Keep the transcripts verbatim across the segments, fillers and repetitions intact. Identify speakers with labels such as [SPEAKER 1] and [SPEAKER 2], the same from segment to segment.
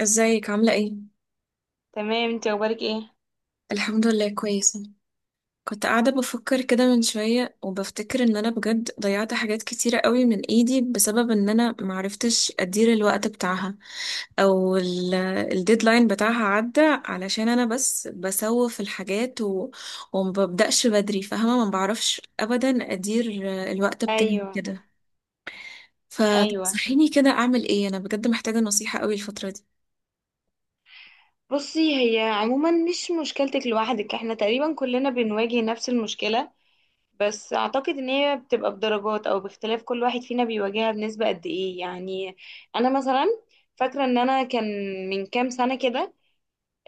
[SPEAKER 1] ازيك عاملة ايه؟
[SPEAKER 2] تمام، انت اخبارك ايه؟
[SPEAKER 1] الحمد لله كويسة. كنت قاعدة بفكر كده من شوية وبفتكر ان انا بجد ضيعت حاجات كتيرة قوي من ايدي بسبب ان انا معرفتش ادير الوقت بتاعها. او ال- الديدلاين بتاعها عدى علشان انا بس بسوف الحاجات و... ومببدأش بدري، فاهمة؟ ما بعرفش ابدا ادير الوقت بتاعي
[SPEAKER 2] ايوه،
[SPEAKER 1] كده.
[SPEAKER 2] ايوه.
[SPEAKER 1] فتنصحيني كده اعمل ايه؟ انا بجد محتاجة نصيحة قوي الفترة دي.
[SPEAKER 2] بصي، هي عموما مش مشكلتك لوحدك، احنا تقريبا كلنا بنواجه نفس المشكلة. بس اعتقد ان هي بتبقى بدرجات، او باختلاف كل واحد فينا بيواجهها بنسبة قد ايه، يعني. انا مثلا فاكرة ان انا كان من كام سنة كده،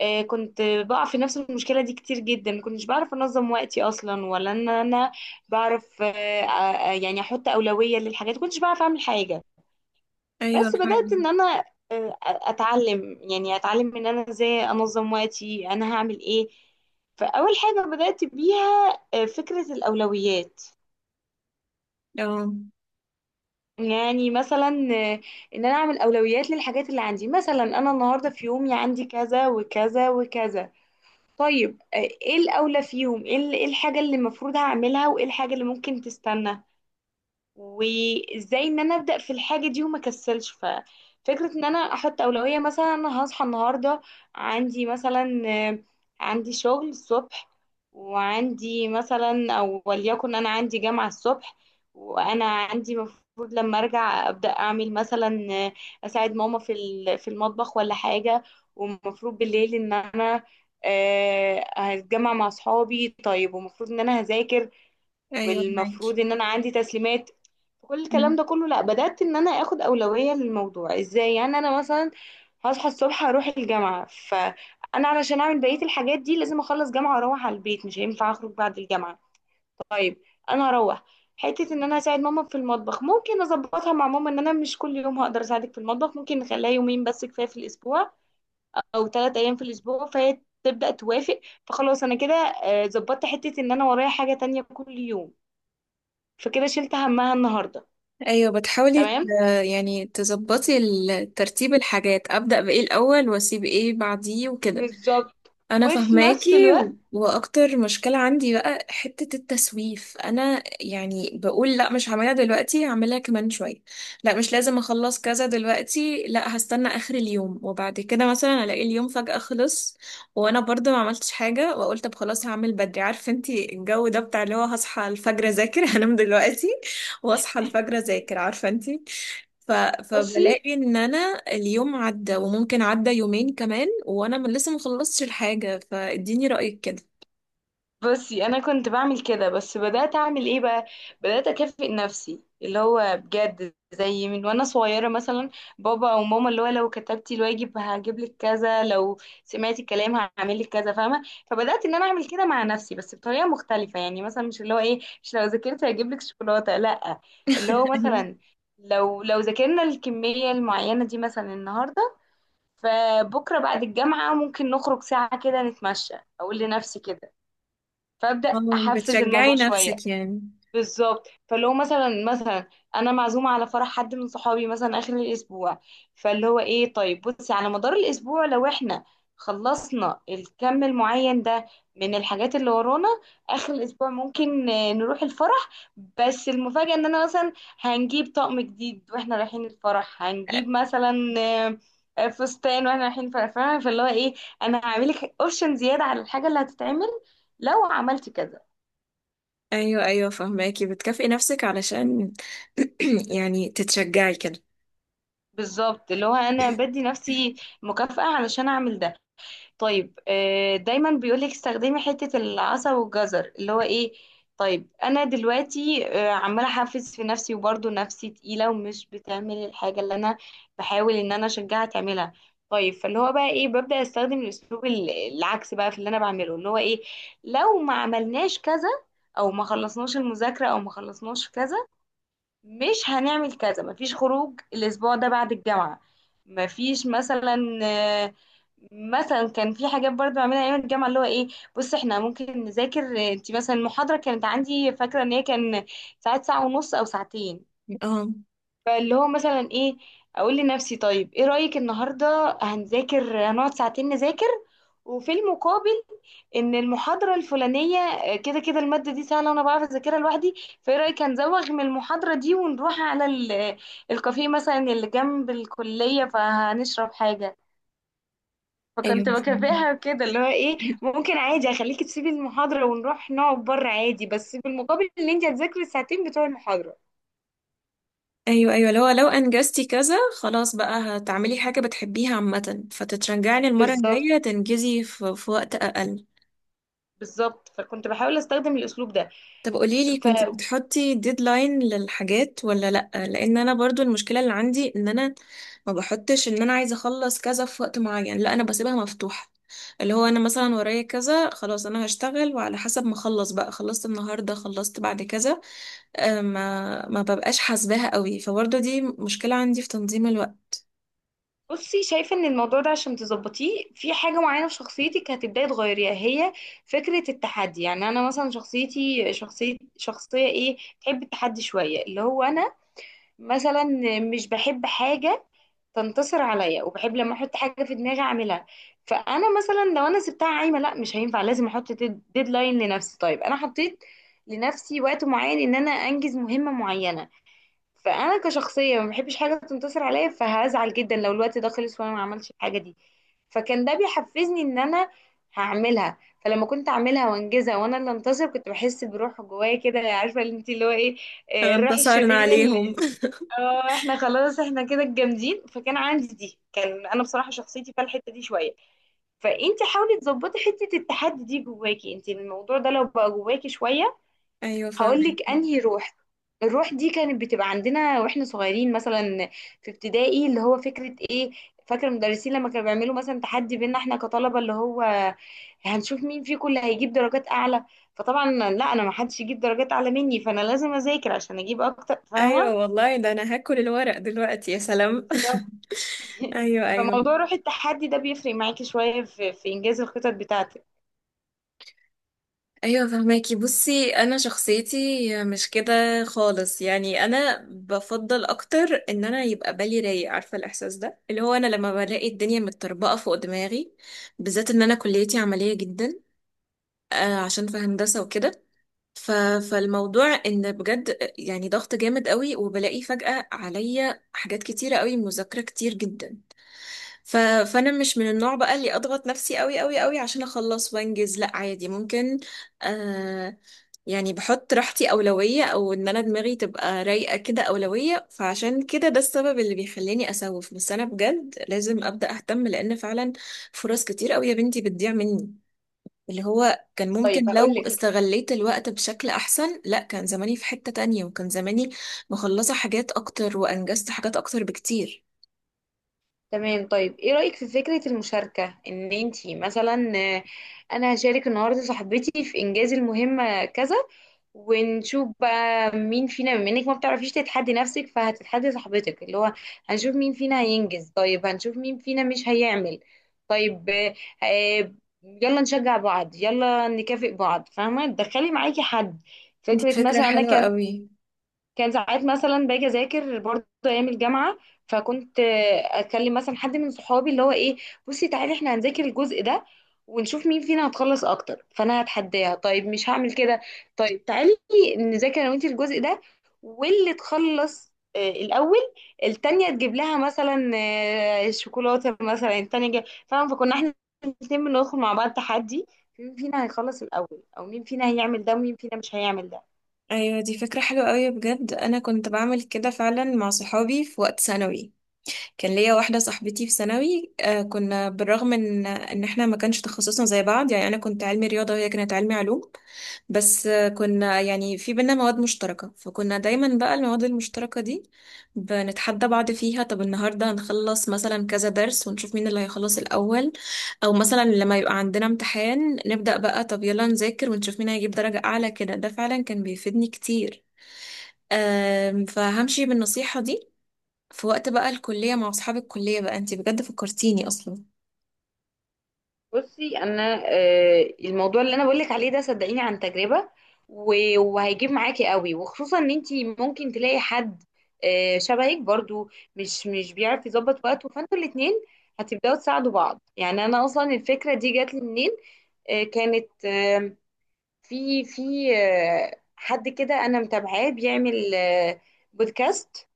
[SPEAKER 2] آه، كنت بقع في نفس المشكلة دي كتير جدا. مكنتش بعرف انظم وقتي اصلا، ولا ان انا بعرف. آه، آه، يعني احط اولوية للحاجات، مكنتش بعرف اعمل حاجة.
[SPEAKER 1] ايوه
[SPEAKER 2] بس بدأت
[SPEAKER 1] فعلا.
[SPEAKER 2] ان انا آه، اتعلم يعني اتعلم ان انا ازاي انظم وقتي، انا هعمل ايه. فاول حاجة بدأت بيها آه، فكرة الاولويات.
[SPEAKER 1] اه.
[SPEAKER 2] يعني مثلا آه، ان انا اعمل اولويات للحاجات اللي عندي. مثلا انا النهاردة في يومي عندي كذا وكذا وكذا. طيب، آه، ايه الاولى فيهم، ايه ال- إيه الحاجة اللي المفروض هعملها، وايه الحاجة اللي ممكن تستنى، وازاي ان انا ابدا في الحاجه دي وما كسلش. ففكره ان انا احط اولويه، مثلا انا هصحى النهارده عندي مثلا، آه، عندي شغل الصبح، وعندي مثلا او وليكن انا عندي جامعه الصبح. وانا عندي مفروض لما ارجع ابدا اعمل مثلا آه، اساعد ماما في ال- في المطبخ ولا حاجه. ومفروض بالليل ان انا آه، هتجمع مع صحابي، طيب، ومفروض ان انا هذاكر،
[SPEAKER 1] ايوه معاكي.
[SPEAKER 2] والمفروض ان انا عندي تسليمات. كل الكلام ده كله، لا بدأت ان انا اخد اولوية للموضوع. ازاي؟ يعني انا مثلا هصحى الصبح اروح الجامعة، فانا علشان اعمل بقية الحاجات دي لازم اخلص جامعة واروح على البيت، مش هينفع اخرج بعد الجامعة. طيب، انا هروح حتة ان انا اساعد ماما في المطبخ، ممكن اظبطها مع ماما ان انا مش كل يوم هقدر اساعدك في المطبخ، ممكن نخليها يومين بس كفاية في الاسبوع، او تلات ايام في الاسبوع، فهي تبدأ توافق. فخلاص انا كده آه، ظبطت حتة ان انا ورايا حاجة تانية كل يوم، فكده شلت همها النهارده.
[SPEAKER 1] ايوه بتحاولي ت-
[SPEAKER 2] تمام.
[SPEAKER 1] يعني تظبطي ال- ترتيب الحاجات، ابدا بايه الاول واسيب ايه بعديه وكده.
[SPEAKER 2] بالظبط.
[SPEAKER 1] انا
[SPEAKER 2] وفي نفس
[SPEAKER 1] فهماكي
[SPEAKER 2] الوقت
[SPEAKER 1] و- واكتر مشكلة عندي بقى حتة التسويف. انا يعني بقول لا، مش هعملها دلوقتي، هعملها كمان شوية. لا مش لازم اخلص كذا دلوقتي، لا هستنى اخر اليوم، وبعد كده مثلا الاقي اليوم فجأة خلص وانا برضه ما عملتش حاجة، واقول طب خلاص هعمل بدري، عارفة انتي الجو ده بتاع اللي هو هصحى الفجر اذاكر هنام دلوقتي واصحى الفجر اذاكر، عارفة انتي. ف...
[SPEAKER 2] بصي،
[SPEAKER 1] فبلاقي ان انا اليوم عدى وممكن عدى يومين كمان وانا من لسه مخلصتش الحاجة، فاديني رأيك كده.
[SPEAKER 2] بصي، انا كنت بعمل كده، بس بدات اعمل ايه بقى؟ بدات اكافئ نفسي، اللي هو بجد زي من وانا صغيره مثلا بابا او ماما، اللي هو لو كتبتي الواجب هجيب لك كذا، لو سمعتي الكلام هعمل لك كذا، فاهمه؟ فبدات ان انا اعمل كده مع نفسي، بس بطريقه مختلفه. يعني مثلا، مش اللي هو ايه، مش لو ذاكرت هجيب لك شوكولاته، لا. اللي هو
[SPEAKER 1] أيوة.
[SPEAKER 2] مثلا لو لو ذاكرنا الكميه المعينه دي مثلا النهارده، فبكرة بعد الجامعة ممكن نخرج ساعة كده نتمشى. أقول لنفسي كده، فأبدأ
[SPEAKER 1] آه،
[SPEAKER 2] أحفز الموضوع
[SPEAKER 1] بتشجعي
[SPEAKER 2] شوية.
[SPEAKER 1] نفسك يعني.
[SPEAKER 2] بالظبط. فاللي هو مثلا مثلا انا معزومه على فرح حد من صحابي مثلا اخر الاسبوع. فاللي هو ايه، طيب بصي على مدار الاسبوع لو احنا خلصنا الكم المعين ده من الحاجات اللي ورانا، اخر الاسبوع ممكن آه، نروح الفرح. بس المفاجاه ان انا مثلا هنجيب طقم جديد واحنا رايحين الفرح،
[SPEAKER 1] أ-
[SPEAKER 2] هنجيب مثلا آه، آه، فستان واحنا رايحين الفرح، فاهمة؟ فاللي هو ايه، انا هعملك اوبشن زياده على الحاجه اللي هتتعمل لو عملت كذا.
[SPEAKER 1] ايوه ايوه فهماكي، بتكافئي نفسك علشان يعني تتشجعي كده.
[SPEAKER 2] بالظبط. اللي هو انا بدي نفسي مكافأة علشان اعمل ده. طيب، آه، دايما بيقولك استخدمي حتة العصا والجزر، اللي هو ايه، طيب انا دلوقتي آه، عمالة احفز في نفسي وبرضه نفسي تقيلة ومش بتعمل الحاجة اللي انا بحاول ان انا اشجعها تعملها. طيب فاللي هو بقى ايه، ببدأ استخدم الاسلوب ال- العكس بقى في اللي انا بعمله، اللي هو ايه، لو ما عملناش كذا، او ما خلصناش المذاكرة، او ما خلصناش كذا، مش هنعمل كذا. مفيش خروج الاسبوع ده بعد الجامعة، مفيش مثلا آه، مثلا كان في حاجات برضه بعملها ايام الجامعه، اللي هو ايه، بص احنا ممكن نذاكر انت مثلا المحاضره، كانت عندي فاكره ان هي كان ساعات ساعه ونص او ساعتين.
[SPEAKER 1] اه
[SPEAKER 2] فاللي هو مثلا ايه، اقول لنفسي طيب ايه رأيك النهارده هنذاكر، هنقعد ساعتين نذاكر. وفي المقابل ان المحاضرة الفلانية، آه، كده كده المادة دي سهلة وانا بعرف اذاكرها لوحدي، فايه رأيك هنزوغ من المحاضرة دي ونروح على ال- الكافيه مثلا اللي جنب الكلية، فهنشرب حاجة.
[SPEAKER 1] ايوه
[SPEAKER 2] فكنت
[SPEAKER 1] فهماكي.
[SPEAKER 2] بكافئها كده، اللي هو ايه، ممكن عادي اخليكي تسيبي المحاضرة ونروح نقعد بره عادي، بس بالمقابل ان انت هتذاكري الساعتين بتوع المحاضرة.
[SPEAKER 1] ايوه ايوه لو لو انجزتي كذا خلاص بقى هتعملي حاجة بتحبيها عامة، فتتشجعي إن المرة
[SPEAKER 2] بالظبط،
[SPEAKER 1] الجاية تنجزي في, في وقت اقل.
[SPEAKER 2] بالظبط. فكنت بحاول استخدم الاسلوب ده.
[SPEAKER 1] طب قوليلي، كنتي بتحطي ديدلاين للحاجات ولا لأ؟ لأن أنا برضو المشكلة اللي عندي إن أنا ما بحطش إن أنا عايزة أخلص كذا في وقت معين، لأ أنا بسيبها مفتوحة. اللي هو أنا مثلا ورايا كذا، خلاص أنا هشتغل وعلى حسب ما أخلص بقى، خلصت النهاردة، خلصت بعد كذا. آه، ما ما ببقاش حاسباها قوي، فبرضو دي مشكلة عندي في تنظيم الوقت.
[SPEAKER 2] فبصي، شايفه ان الموضوع ده عشان تظبطيه في حاجه معينه في شخصيتك هتبداي تغيريها، هي فكره التحدي. يعني انا مثلا شخصيتي شخصيه شخصيه ايه، تحب التحدي شويه. اللي هو انا مثلا مش بحب حاجه تنتصر عليا، وبحب لما احط حاجه في دماغي اعملها. فانا مثلا لو انا سبتها عايمه لا مش هينفع، لازم احط ديدلاين لنفسي. طيب انا حطيت لنفسي وقت معين ان انا انجز مهمه معينه. فانا كشخصيه ما بحبش حاجه تنتصر عليا، فهزعل جدا لو الوقت ده خلص وانا ما عملتش الحاجه دي. فكان ده بيحفزني ان انا هعملها. فلما كنت اعملها وانجزها وانا اللي انتصر، كنت بحس بروح جوايا كده، عارفه اللي انت، اللي هو ايه، آه،
[SPEAKER 1] آه،
[SPEAKER 2] الروح
[SPEAKER 1] انتصرنا
[SPEAKER 2] الشريره اللي.
[SPEAKER 1] عليهم
[SPEAKER 2] اه، احنا خلاص احنا كده الجامدين. فكان عندي دي، كان انا بصراحه شخصيتي فيها الحته دي شويه. فانت حاولي تظبطي حته التحدي دي جواكي انت، الموضوع ده لو بقى جواكي شويه
[SPEAKER 1] أيوة فاهمة.
[SPEAKER 2] هقولك انهي روح. الروح دي كانت بتبقى عندنا واحنا صغيرين، مثلا في ابتدائي، اللي هو فكرة ايه، فاكر المدرسين لما كانوا بيعملوا مثلا تحدي بينا احنا كطلبة، اللي هو هنشوف مين فيكم اللي هيجيب درجات اعلى. فطبعا لا، انا ما حدش يجيب درجات اعلى مني، فانا لازم اذاكر عشان اجيب اكتر،
[SPEAKER 1] أيوة
[SPEAKER 2] فاهمة؟
[SPEAKER 1] والله، ده أنا هاكل الورق دلوقتي يا سلام.
[SPEAKER 2] بالظبط.
[SPEAKER 1] أيوة أيوة.
[SPEAKER 2] فموضوع روح التحدي ده بيفرق معاكي شوية في, في انجاز الخطط بتاعتك.
[SPEAKER 1] ايوه فهماكي. بصي انا شخصيتي مش كده خالص، يعني انا بفضل اكتر ان انا يبقى بالي رايق، عارفه الاحساس ده، اللي هو انا لما بلاقي الدنيا متطربقه فوق دماغي، بالذات ان انا كليتي عمليه جدا، آه، عشان في هندسه وكده. ف... فالموضوع ان بجد يعني ضغط جامد قوي، وبلاقي فجأة عليا حاجات كتيره قوي، مذاكره كتير جدا. ف... فانا مش من النوع بقى اللي اضغط نفسي قوي قوي قوي عشان اخلص وانجز، لا عادي. ممكن آه يعني بحط راحتي اولويه، او ان انا دماغي تبقى رايقه كده اولويه. فعشان كده ده السبب اللي بيخليني اسوف، بس انا بجد لازم ابدا اهتم، لان فعلا فرص كتير قوي يا بنتي بتضيع مني، اللي هو كان ممكن
[SPEAKER 2] طيب
[SPEAKER 1] لو
[SPEAKER 2] هقولك.
[SPEAKER 1] استغليت الوقت بشكل احسن، لا كان زماني في حته تانية، وكان زماني مخلصه حاجات اكتر وانجزت حاجات اكتر بكتير.
[SPEAKER 2] تمام. طيب ايه رأيك في فكرة المشاركة، ان انتي مثلا آه، انا هشارك النهاردة صاحبتي في انجاز المهمة كذا، ونشوف بقى مين فينا. بما انك ما بتعرفيش تتحدي نفسك فهتتحدي صاحبتك، اللي هو هنشوف مين فينا هينجز، طيب هنشوف مين فينا مش هيعمل. طيب، آه، آه، يلا نشجع بعض، يلا نكافئ بعض، فاهمة؟ تدخلي معاكي حد.
[SPEAKER 1] دي
[SPEAKER 2] فكرة
[SPEAKER 1] فكره
[SPEAKER 2] مثلا انا
[SPEAKER 1] حلوه
[SPEAKER 2] كان
[SPEAKER 1] قوي.
[SPEAKER 2] كان ساعات مثلا باجي اذاكر برضه ايام الجامعه، فكنت آه، اكلم مثلا حد من صحابي، اللي هو ايه، بصي تعالي احنا هنذاكر الجزء ده ونشوف مين فينا هتخلص اكتر، فانا هتحداها. طيب مش هعمل كده، طيب تعالي نذاكر انا وانتي الجزء ده، واللي تخلص آه، الاول، التانية تجيب لها مثلا آه، شوكولاته مثلا، التانية جاي، فاهمه؟ فكنا احنا الاثنين بندخل مع بعض تحدي، مين فينا هيخلص الاول، او مين فينا هيعمل ده ومين فينا مش هيعمل ده.
[SPEAKER 1] ايوه دي فكرة حلوة قوي بجد، انا كنت بعمل كده فعلا مع صحابي في وقت ثانوي. كان ليا واحدة صاحبتي في ثانوي، آه، كنا بالرغم ان ان احنا ما كانش تخصصنا زي بعض، يعني انا كنت علمي رياضة وهي كانت علمي علوم. بس آه، كنا يعني في بينا مواد مشتركة، فكنا دايما بقى المواد المشتركة دي بنتحدى بعض فيها. طب النهاردة هنخلص مثلا كذا درس ونشوف مين اللي هيخلص الأول، او مثلا لما يبقى عندنا امتحان نبدأ بقى، طب يلا نذاكر ونشوف مين هيجيب درجة أعلى كده. ده فعلا كان بيفيدني كتير. آم، فهمشي بالنصيحة دي في وقت بقى الكلية مع أصحاب الكلية بقى، انتي بجد فكرتيني أصلا.
[SPEAKER 2] بصي انا آه، الموضوع اللي انا بقولك عليه ده صدقيني عن تجربة، و- وهيجيب معاكي قوي، وخصوصا ان انتي ممكن تلاقي حد آه، شبهك برضو مش مش بيعرف يظبط وقته، فانتوا الاتنين هتبداوا تساعدوا بعض. يعني انا اصلا الفكرة دي جات لي منين؟ آه، كانت آه، في في آه، حد كده انا متابعاه بيعمل آه، بودكاست.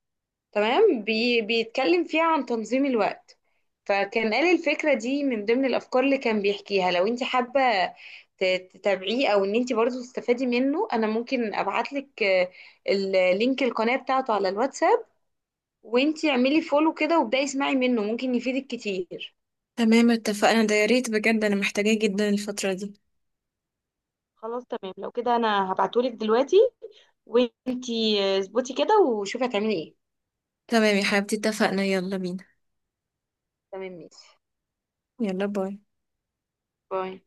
[SPEAKER 2] تمام. بي بيتكلم فيها عن تنظيم الوقت. فكان قال الفكرة دي من ضمن الأفكار اللي كان بيحكيها، لو انت حابة ت- تتابعيه أو ان انت برضو تستفادي منه، أنا ممكن أبعتلك آه، اللينك، القناة بتاعته على الواتساب، وانت اعملي فولو كده وابدأي اسمعي منه، ممكن يفيدك كتير.
[SPEAKER 1] تمام اتفقنا، ده يا ريت بجد أنا محتاجاه جدا الفترة دي.
[SPEAKER 2] خلاص تمام، لو كده انا هبعتهولك دلوقتي، وانتي آه، اظبطي كده وشوفي هتعملي ايه.
[SPEAKER 1] تمام يا حبيبتي اتفقنا، يلا بينا.
[SPEAKER 2] تمام ماشي.
[SPEAKER 1] يلا باي.
[SPEAKER 2] باي.